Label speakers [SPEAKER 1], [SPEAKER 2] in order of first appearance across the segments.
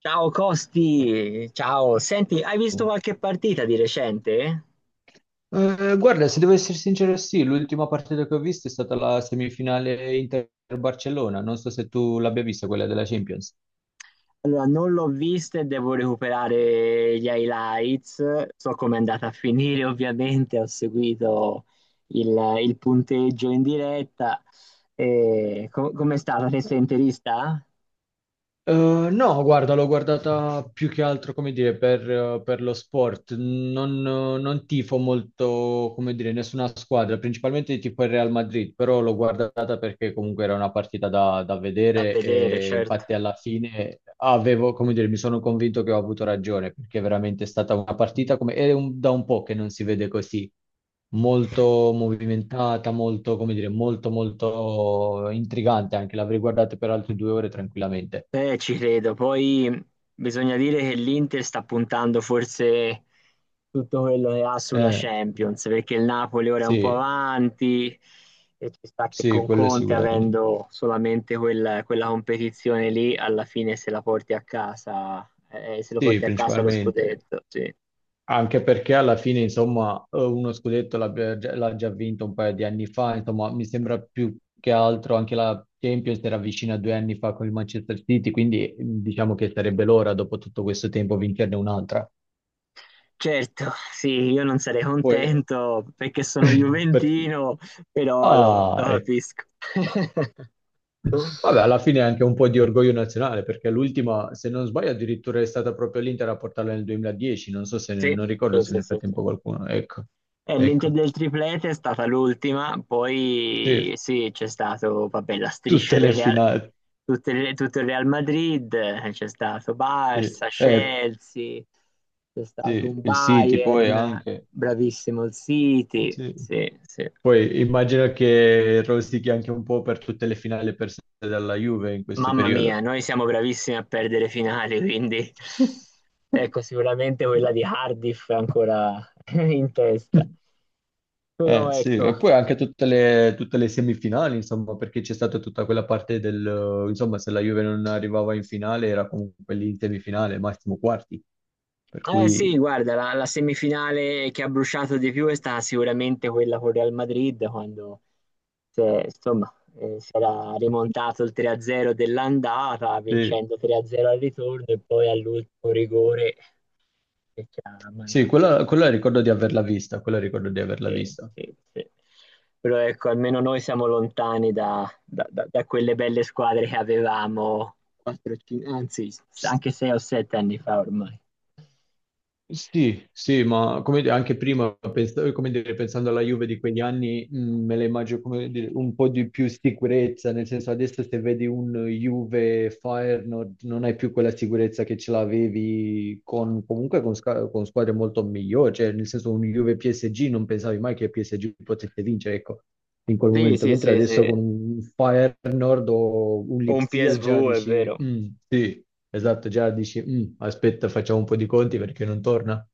[SPEAKER 1] Ciao Costi, ciao. Senti, hai visto qualche partita di recente?
[SPEAKER 2] Guarda, se devo essere sincero, sì, l'ultima partita che ho visto è stata la semifinale Inter-Barcellona. Non so se tu l'abbia vista, quella della Champions.
[SPEAKER 1] Allora, non l'ho vista e devo recuperare gli highlights. So come è andata a finire, ovviamente, ho seguito il, il punteggio in diretta. E com'è stata? Te sei interista?
[SPEAKER 2] Eh, no, guarda, l'ho guardata più che altro, come dire, per lo sport. Non tifo molto, come dire, nessuna squadra, principalmente tifo il Real Madrid, però l'ho guardata perché comunque era una partita da
[SPEAKER 1] Da
[SPEAKER 2] vedere
[SPEAKER 1] vedere,
[SPEAKER 2] e
[SPEAKER 1] certo.
[SPEAKER 2] infatti alla fine avevo, come dire, mi sono convinto che ho avuto ragione, perché veramente è veramente stata una partita da un po' che non si vede così molto movimentata, molto, come dire, molto, molto intrigante anche. L'avrei guardata per altre 2 ore tranquillamente.
[SPEAKER 1] Ci credo. Poi bisogna dire che l'Inter sta puntando forse tutto quello che ha sulla
[SPEAKER 2] Eh,
[SPEAKER 1] Champions, perché il Napoli ora è un po'
[SPEAKER 2] sì,
[SPEAKER 1] avanti e ci sta che
[SPEAKER 2] sì,
[SPEAKER 1] con
[SPEAKER 2] quello
[SPEAKER 1] Conte,
[SPEAKER 2] sicuramente.
[SPEAKER 1] avendo solamente quella competizione lì, alla fine se la porti a casa, se lo
[SPEAKER 2] Sì,
[SPEAKER 1] porti a casa lo
[SPEAKER 2] principalmente.
[SPEAKER 1] scudetto, sì.
[SPEAKER 2] Anche perché alla fine, insomma, uno scudetto l'ha già vinto un paio di anni fa. Insomma, mi sembra più che altro anche la Champions era vicina a 2 anni fa con il Manchester City, quindi diciamo che sarebbe l'ora, dopo tutto questo tempo, vincerne un'altra.
[SPEAKER 1] Certo, sì, io non sarei
[SPEAKER 2] Poi,
[SPEAKER 1] contento perché sono
[SPEAKER 2] perché.
[SPEAKER 1] juventino, però lo
[SPEAKER 2] Ah,
[SPEAKER 1] lo
[SPEAKER 2] ecco.
[SPEAKER 1] capisco.
[SPEAKER 2] Vabbè, alla fine è anche un po' di orgoglio nazionale, perché l'ultima, se non sbaglio, addirittura è stata proprio l'Inter a portarla nel 2010, non so se,
[SPEAKER 1] Sì,
[SPEAKER 2] non ricordo
[SPEAKER 1] sì,
[SPEAKER 2] se nel
[SPEAKER 1] sì, sì.
[SPEAKER 2] frattempo qualcuno, ecco,
[SPEAKER 1] l'Inter
[SPEAKER 2] ecco,
[SPEAKER 1] del triplete è stata l'ultima, poi
[SPEAKER 2] sì,
[SPEAKER 1] sì, c'è stato, vabbè, la striscia
[SPEAKER 2] tutte le
[SPEAKER 1] del Real,
[SPEAKER 2] finali,
[SPEAKER 1] tutto il Real Madrid, c'è stato
[SPEAKER 2] sì.
[SPEAKER 1] Barça, Chelsea, c'è stato
[SPEAKER 2] Sì,
[SPEAKER 1] un
[SPEAKER 2] il City poi
[SPEAKER 1] Bayern,
[SPEAKER 2] anche,
[SPEAKER 1] bravissimo il City,
[SPEAKER 2] sì.
[SPEAKER 1] sì, sì.
[SPEAKER 2] Poi immagino che rosichi anche un po' per tutte le finali perse dalla Juve in questo
[SPEAKER 1] Mamma mia,
[SPEAKER 2] periodo.
[SPEAKER 1] noi siamo bravissimi a perdere finali, quindi ecco, sicuramente quella di Cardiff è ancora in testa. Però
[SPEAKER 2] Sì,
[SPEAKER 1] ecco,
[SPEAKER 2] e poi anche tutte le semifinali, insomma, perché c'è stata tutta quella parte del, insomma, se la Juve non arrivava in finale era comunque lì in semifinale, massimo quarti. Per
[SPEAKER 1] eh
[SPEAKER 2] cui,
[SPEAKER 1] sì, guarda, la semifinale che ha bruciato di più è stata sicuramente quella con Real Madrid, quando insomma, si era rimontato il 3-0 dell'andata,
[SPEAKER 2] sì,
[SPEAKER 1] vincendo 3-0 al ritorno e poi all'ultimo rigore che ci ha
[SPEAKER 2] sì,
[SPEAKER 1] mandati.
[SPEAKER 2] quella ricordo di averla vista, quella ricordo di averla
[SPEAKER 1] Eh,
[SPEAKER 2] vista.
[SPEAKER 1] sì, sì, sì. Però ecco, almeno noi siamo lontani da quelle belle squadre che avevamo 4, anzi anche 6 o 7 anni fa ormai.
[SPEAKER 2] Sì, sì, ma come dire, anche prima, come dire, pensando alla Juve di quegli anni, me la immagino come dire, un po' di più sicurezza, nel senso adesso se vedi un Juve Feyenoord non hai più quella sicurezza che ce l'avevi comunque con squadre molto migliori, cioè nel senso un Juve PSG non pensavi mai che PSG potesse vincere, ecco in quel
[SPEAKER 1] Sì,
[SPEAKER 2] momento,
[SPEAKER 1] sì,
[SPEAKER 2] mentre
[SPEAKER 1] sì,
[SPEAKER 2] adesso
[SPEAKER 1] sì.
[SPEAKER 2] con un Fire Nord o un
[SPEAKER 1] O un
[SPEAKER 2] Lipsia già
[SPEAKER 1] PSV, è
[SPEAKER 2] dici,
[SPEAKER 1] vero.
[SPEAKER 2] "Mm, sì, esatto", già dici, "Mm, aspetta, facciamo un po' di conti perché non torna".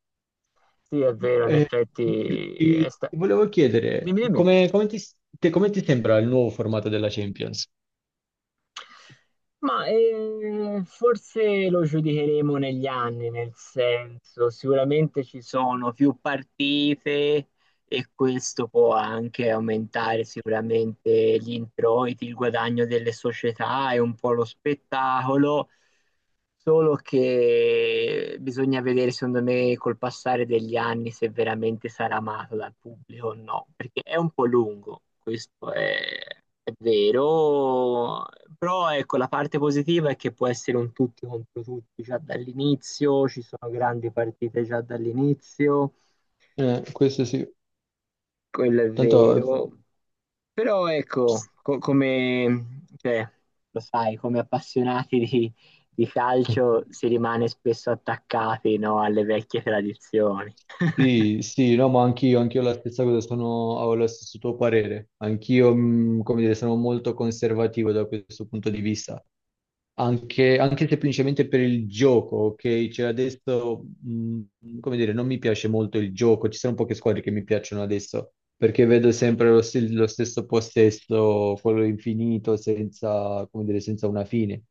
[SPEAKER 1] Sì, è vero, in
[SPEAKER 2] Eh, ti,
[SPEAKER 1] effetti.
[SPEAKER 2] ti volevo chiedere,
[SPEAKER 1] Dimmi, dimmi.
[SPEAKER 2] come ti sembra il nuovo formato della Champions?
[SPEAKER 1] Ma forse lo giudicheremo negli anni, nel senso, sicuramente ci sono più partite, e questo può anche aumentare sicuramente gli introiti, il guadagno delle società e un po' lo spettacolo, solo che bisogna vedere secondo me col passare degli anni se veramente sarà amato dal pubblico o no, perché è un po' lungo, questo è vero, però ecco la parte positiva è che può essere un tutti contro tutti già dall'inizio, ci sono grandi partite già dall'inizio,
[SPEAKER 2] Questo sì,
[SPEAKER 1] quello è
[SPEAKER 2] tanto.
[SPEAKER 1] vero. Però
[SPEAKER 2] Ps-
[SPEAKER 1] ecco, come, cioè, lo sai, come appassionati di calcio si rimane spesso attaccati, no, alle vecchie tradizioni.
[SPEAKER 2] sì, sì, no, ma anch'io, anch'io la stessa cosa, ho lo stesso tuo parere, anch'io, come dire, sono molto conservativo da questo punto di vista. Anche semplicemente per il gioco, ok? Cioè adesso, come dire, non mi piace molto il gioco, ci sono poche squadre che mi piacciono adesso, perché vedo sempre lo stesso possesso, quello infinito, senza, come dire, senza una fine.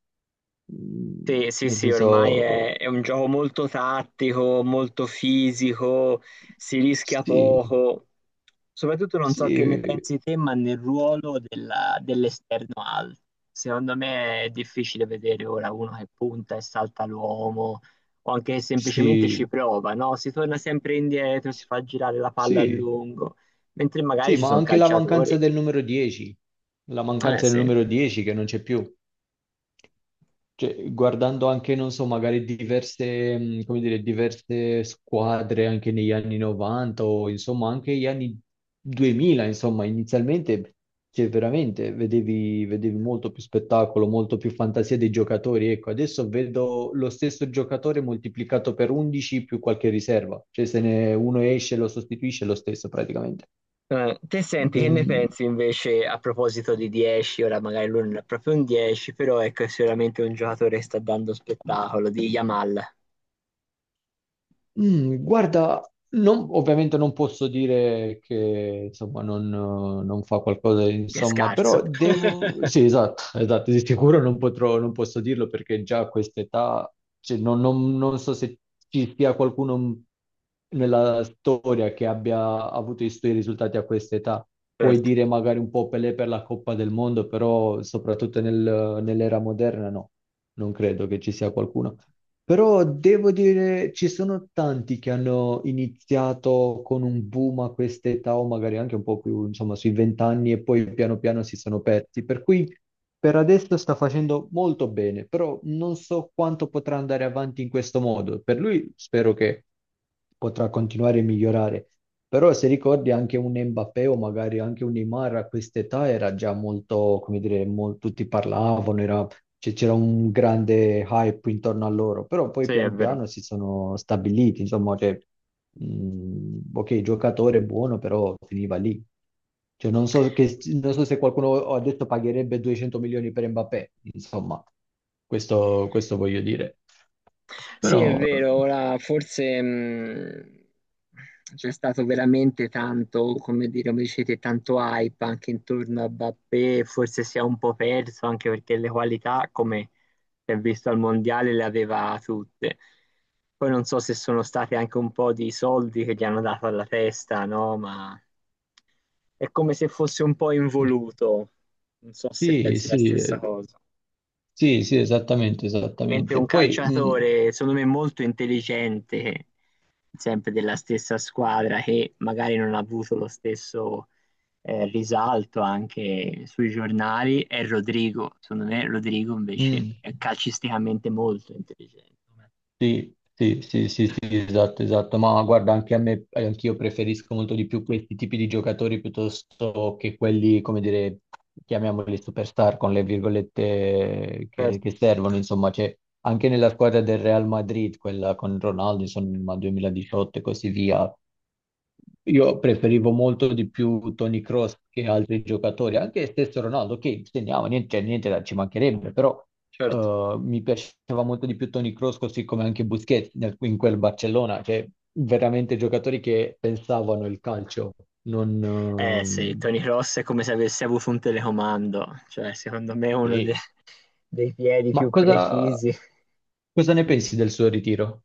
[SPEAKER 1] Sì, sì,
[SPEAKER 2] Nel
[SPEAKER 1] sì, ormai
[SPEAKER 2] senso,
[SPEAKER 1] è un gioco molto tattico, molto fisico, si rischia
[SPEAKER 2] sì,
[SPEAKER 1] poco. Soprattutto non so che ne
[SPEAKER 2] sì,
[SPEAKER 1] pensi te, ma nel ruolo dell'esterno alto. Secondo me è difficile vedere ora uno che punta e salta l'uomo, o anche che semplicemente ci
[SPEAKER 2] sì,
[SPEAKER 1] prova, no? Si torna sempre indietro, si fa girare la palla a
[SPEAKER 2] sì,
[SPEAKER 1] lungo, mentre magari
[SPEAKER 2] sì,
[SPEAKER 1] ci
[SPEAKER 2] ma
[SPEAKER 1] sono
[SPEAKER 2] anche la mancanza
[SPEAKER 1] calciatori.
[SPEAKER 2] del numero 10, la
[SPEAKER 1] Eh
[SPEAKER 2] mancanza del
[SPEAKER 1] sì.
[SPEAKER 2] numero 10 che non c'è più. Cioè, guardando anche, non so, magari come dire, diverse squadre anche negli anni 90 o insomma anche gli anni 2000, insomma, inizialmente, cioè, veramente vedevi molto più spettacolo, molto più fantasia dei giocatori. Ecco, adesso vedo lo stesso giocatore moltiplicato per 11 più qualche riserva, cioè se ne uno esce lo sostituisce è lo stesso praticamente.
[SPEAKER 1] Te senti, che ne
[SPEAKER 2] Ben-
[SPEAKER 1] pensi invece a proposito di 10? Ora magari lui non è proprio un 10, però ecco, è sicuramente un giocatore che sta dando spettacolo, di Yamal,
[SPEAKER 2] Guarda, ovviamente non posso dire che insomma, non fa qualcosa,
[SPEAKER 1] che è
[SPEAKER 2] insomma,
[SPEAKER 1] scarso.
[SPEAKER 2] però devo. Sì, esatto, esatto, di sicuro non posso dirlo perché già a quest'età, cioè, non so se ci sia qualcuno nella storia che abbia avuto i suoi risultati a quest'età. Puoi
[SPEAKER 1] Certo,
[SPEAKER 2] dire magari un po' Pelé per la Coppa del Mondo, però soprattutto nell'era moderna no, non credo che ci sia qualcuno. Però devo dire, ci sono tanti che hanno iniziato con un boom a quest'età o magari anche un po' più, insomma, sui 20 anni e poi piano piano si sono persi. Per cui per adesso sta facendo molto bene, però non so quanto potrà andare avanti in questo modo. Per lui spero che potrà continuare a migliorare. Però se ricordi anche un Mbappé o magari anche un Neymar a quest'età era già molto, come dire, tutti parlavano, era cioè, c'era un grande hype intorno a loro, però poi
[SPEAKER 1] sì, è
[SPEAKER 2] piano piano
[SPEAKER 1] vero.
[SPEAKER 2] si sono stabiliti, insomma, cioè, ok, il giocatore è buono, però finiva lì. Cioè, non so, non so se qualcuno ha detto pagherebbe 200 milioni per Mbappé, insomma, questo voglio dire.
[SPEAKER 1] Sì,
[SPEAKER 2] Però
[SPEAKER 1] è vero, ora forse c'è stato veramente tanto, come dire, come dicete, tanto hype anche intorno a Mbappé, forse si è un po' perso anche perché le qualità, come si è visto al Mondiale, le aveva tutte. Poi non so se sono stati anche un po' di soldi che gli hanno dato alla testa, no? Ma è come se fosse un po' involuto. Non so se
[SPEAKER 2] sì,
[SPEAKER 1] pensi la
[SPEAKER 2] sì,
[SPEAKER 1] stessa cosa.
[SPEAKER 2] sì, sì, esattamente,
[SPEAKER 1] Mentre un
[SPEAKER 2] esattamente. Poi,
[SPEAKER 1] calciatore, secondo me, molto intelligente, sempre della stessa squadra, che magari non ha avuto lo stesso risalto anche sui giornali, è Rodrigo. Secondo me, Rodrigo invece
[SPEAKER 2] mm.
[SPEAKER 1] è calcisticamente molto intelligente.
[SPEAKER 2] Sì, sì, sì, sì, sì, esatto, esatto, ma guarda, anche a me, anch'io preferisco molto di più questi tipi di giocatori piuttosto che quelli, come dire, chiamiamoli superstar con le virgolette che,
[SPEAKER 1] Certo,
[SPEAKER 2] che servono, insomma, c'è anche nella squadra del Real Madrid, quella con Ronaldo, insomma, 2018 e così via, io preferivo molto di più Toni Kroos che altri giocatori, anche stesso Ronaldo, che segnava, niente, cioè, niente ci mancherebbe, però
[SPEAKER 1] certo.
[SPEAKER 2] mi piaceva molto di più Toni Kroos, così come anche Busquets in quel Barcellona, cioè veramente giocatori che pensavano il calcio, non,
[SPEAKER 1] Eh sì, Tony Cross è come se avesse avuto un telecomando, cioè secondo me è uno
[SPEAKER 2] sì.
[SPEAKER 1] dei piedi
[SPEAKER 2] Ma
[SPEAKER 1] più
[SPEAKER 2] cosa,
[SPEAKER 1] precisi.
[SPEAKER 2] cosa ne pensi del suo ritiro?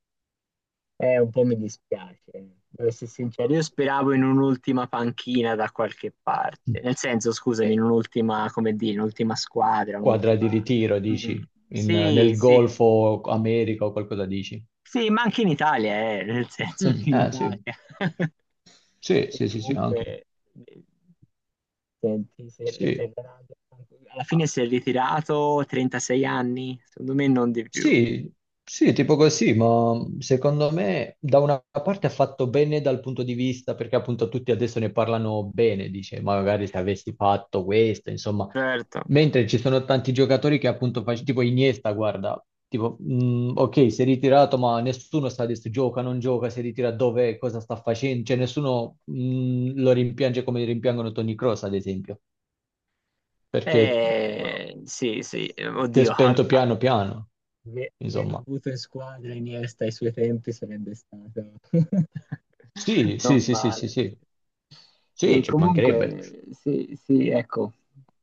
[SPEAKER 1] Un po' mi dispiace, devo essere sincero. Io speravo in un'ultima panchina da qualche parte. Nel senso, scusami, in
[SPEAKER 2] Eh,
[SPEAKER 1] un'ultima, come dire, un'ultima squadra,
[SPEAKER 2] quadra di
[SPEAKER 1] un'ultima...
[SPEAKER 2] ritiro,
[SPEAKER 1] Mm,
[SPEAKER 2] dici? In-
[SPEAKER 1] sì,
[SPEAKER 2] nel
[SPEAKER 1] sì.
[SPEAKER 2] Golfo America o qualcosa dici?
[SPEAKER 1] Sì, ma anche in Italia, nel senso,
[SPEAKER 2] Mm,
[SPEAKER 1] anche in
[SPEAKER 2] ah, sì.
[SPEAKER 1] Italia.
[SPEAKER 2] Sì,
[SPEAKER 1] E
[SPEAKER 2] sì, sì, sì, anche.
[SPEAKER 1] comunque, eh, senti, se,
[SPEAKER 2] Sì,
[SPEAKER 1] alla
[SPEAKER 2] ah,
[SPEAKER 1] fine si è ritirato 36 anni, secondo me non di più.
[SPEAKER 2] sì, sì, tipo così, ma secondo me da una parte ha fatto bene dal punto di vista, perché appunto tutti adesso ne parlano bene, dice, magari se avessi fatto questo, insomma,
[SPEAKER 1] Certo.
[SPEAKER 2] mentre ci sono tanti giocatori che appunto facevano, tipo Iniesta, guarda, tipo, ok, si è ritirato, ma nessuno sa adesso gioca, non gioca, si ritira dove, cosa sta facendo, cioè nessuno lo rimpiange come rimpiangono Toni Kroos, ad esempio. Perché
[SPEAKER 1] Sì, sì,
[SPEAKER 2] si è
[SPEAKER 1] oddio,
[SPEAKER 2] spento piano piano,
[SPEAKER 1] Averlo
[SPEAKER 2] insomma.
[SPEAKER 1] avuto in squadra Iniesta ai suoi tempi sarebbe stato
[SPEAKER 2] Sì,
[SPEAKER 1] non
[SPEAKER 2] sì, sì, sì,
[SPEAKER 1] male,
[SPEAKER 2] sì,
[SPEAKER 1] sì.
[SPEAKER 2] sì, sì,
[SPEAKER 1] E
[SPEAKER 2] ci mancherebbe.
[SPEAKER 1] comunque, sì, sì, ecco,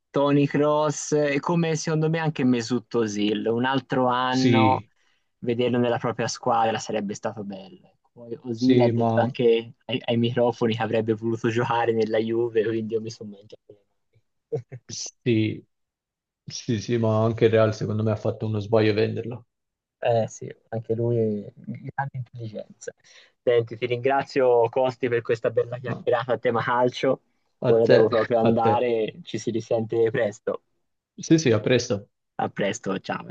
[SPEAKER 1] Tony Cross e come secondo me anche Mesut Özil, un altro anno
[SPEAKER 2] Sì,
[SPEAKER 1] vederlo nella propria squadra sarebbe stato bello. Ecco. Poi Özil ha
[SPEAKER 2] sì,
[SPEAKER 1] detto
[SPEAKER 2] ma
[SPEAKER 1] anche ai microfoni che avrebbe voluto giocare nella Juve, quindi io mi sono mangiato le mani.
[SPEAKER 2] sì, sì, sì, ma anche il Real secondo me ha fatto uno sbaglio a venderlo.
[SPEAKER 1] Eh sì, anche lui grande intelligenza. Senti, ti ringrazio Costi per questa bella
[SPEAKER 2] Ma
[SPEAKER 1] chiacchierata a tema calcio.
[SPEAKER 2] a
[SPEAKER 1] Ora
[SPEAKER 2] te,
[SPEAKER 1] devo proprio
[SPEAKER 2] a te.
[SPEAKER 1] andare, ci si risente presto.
[SPEAKER 2] Sì, sì, a presto.
[SPEAKER 1] A presto, ciao.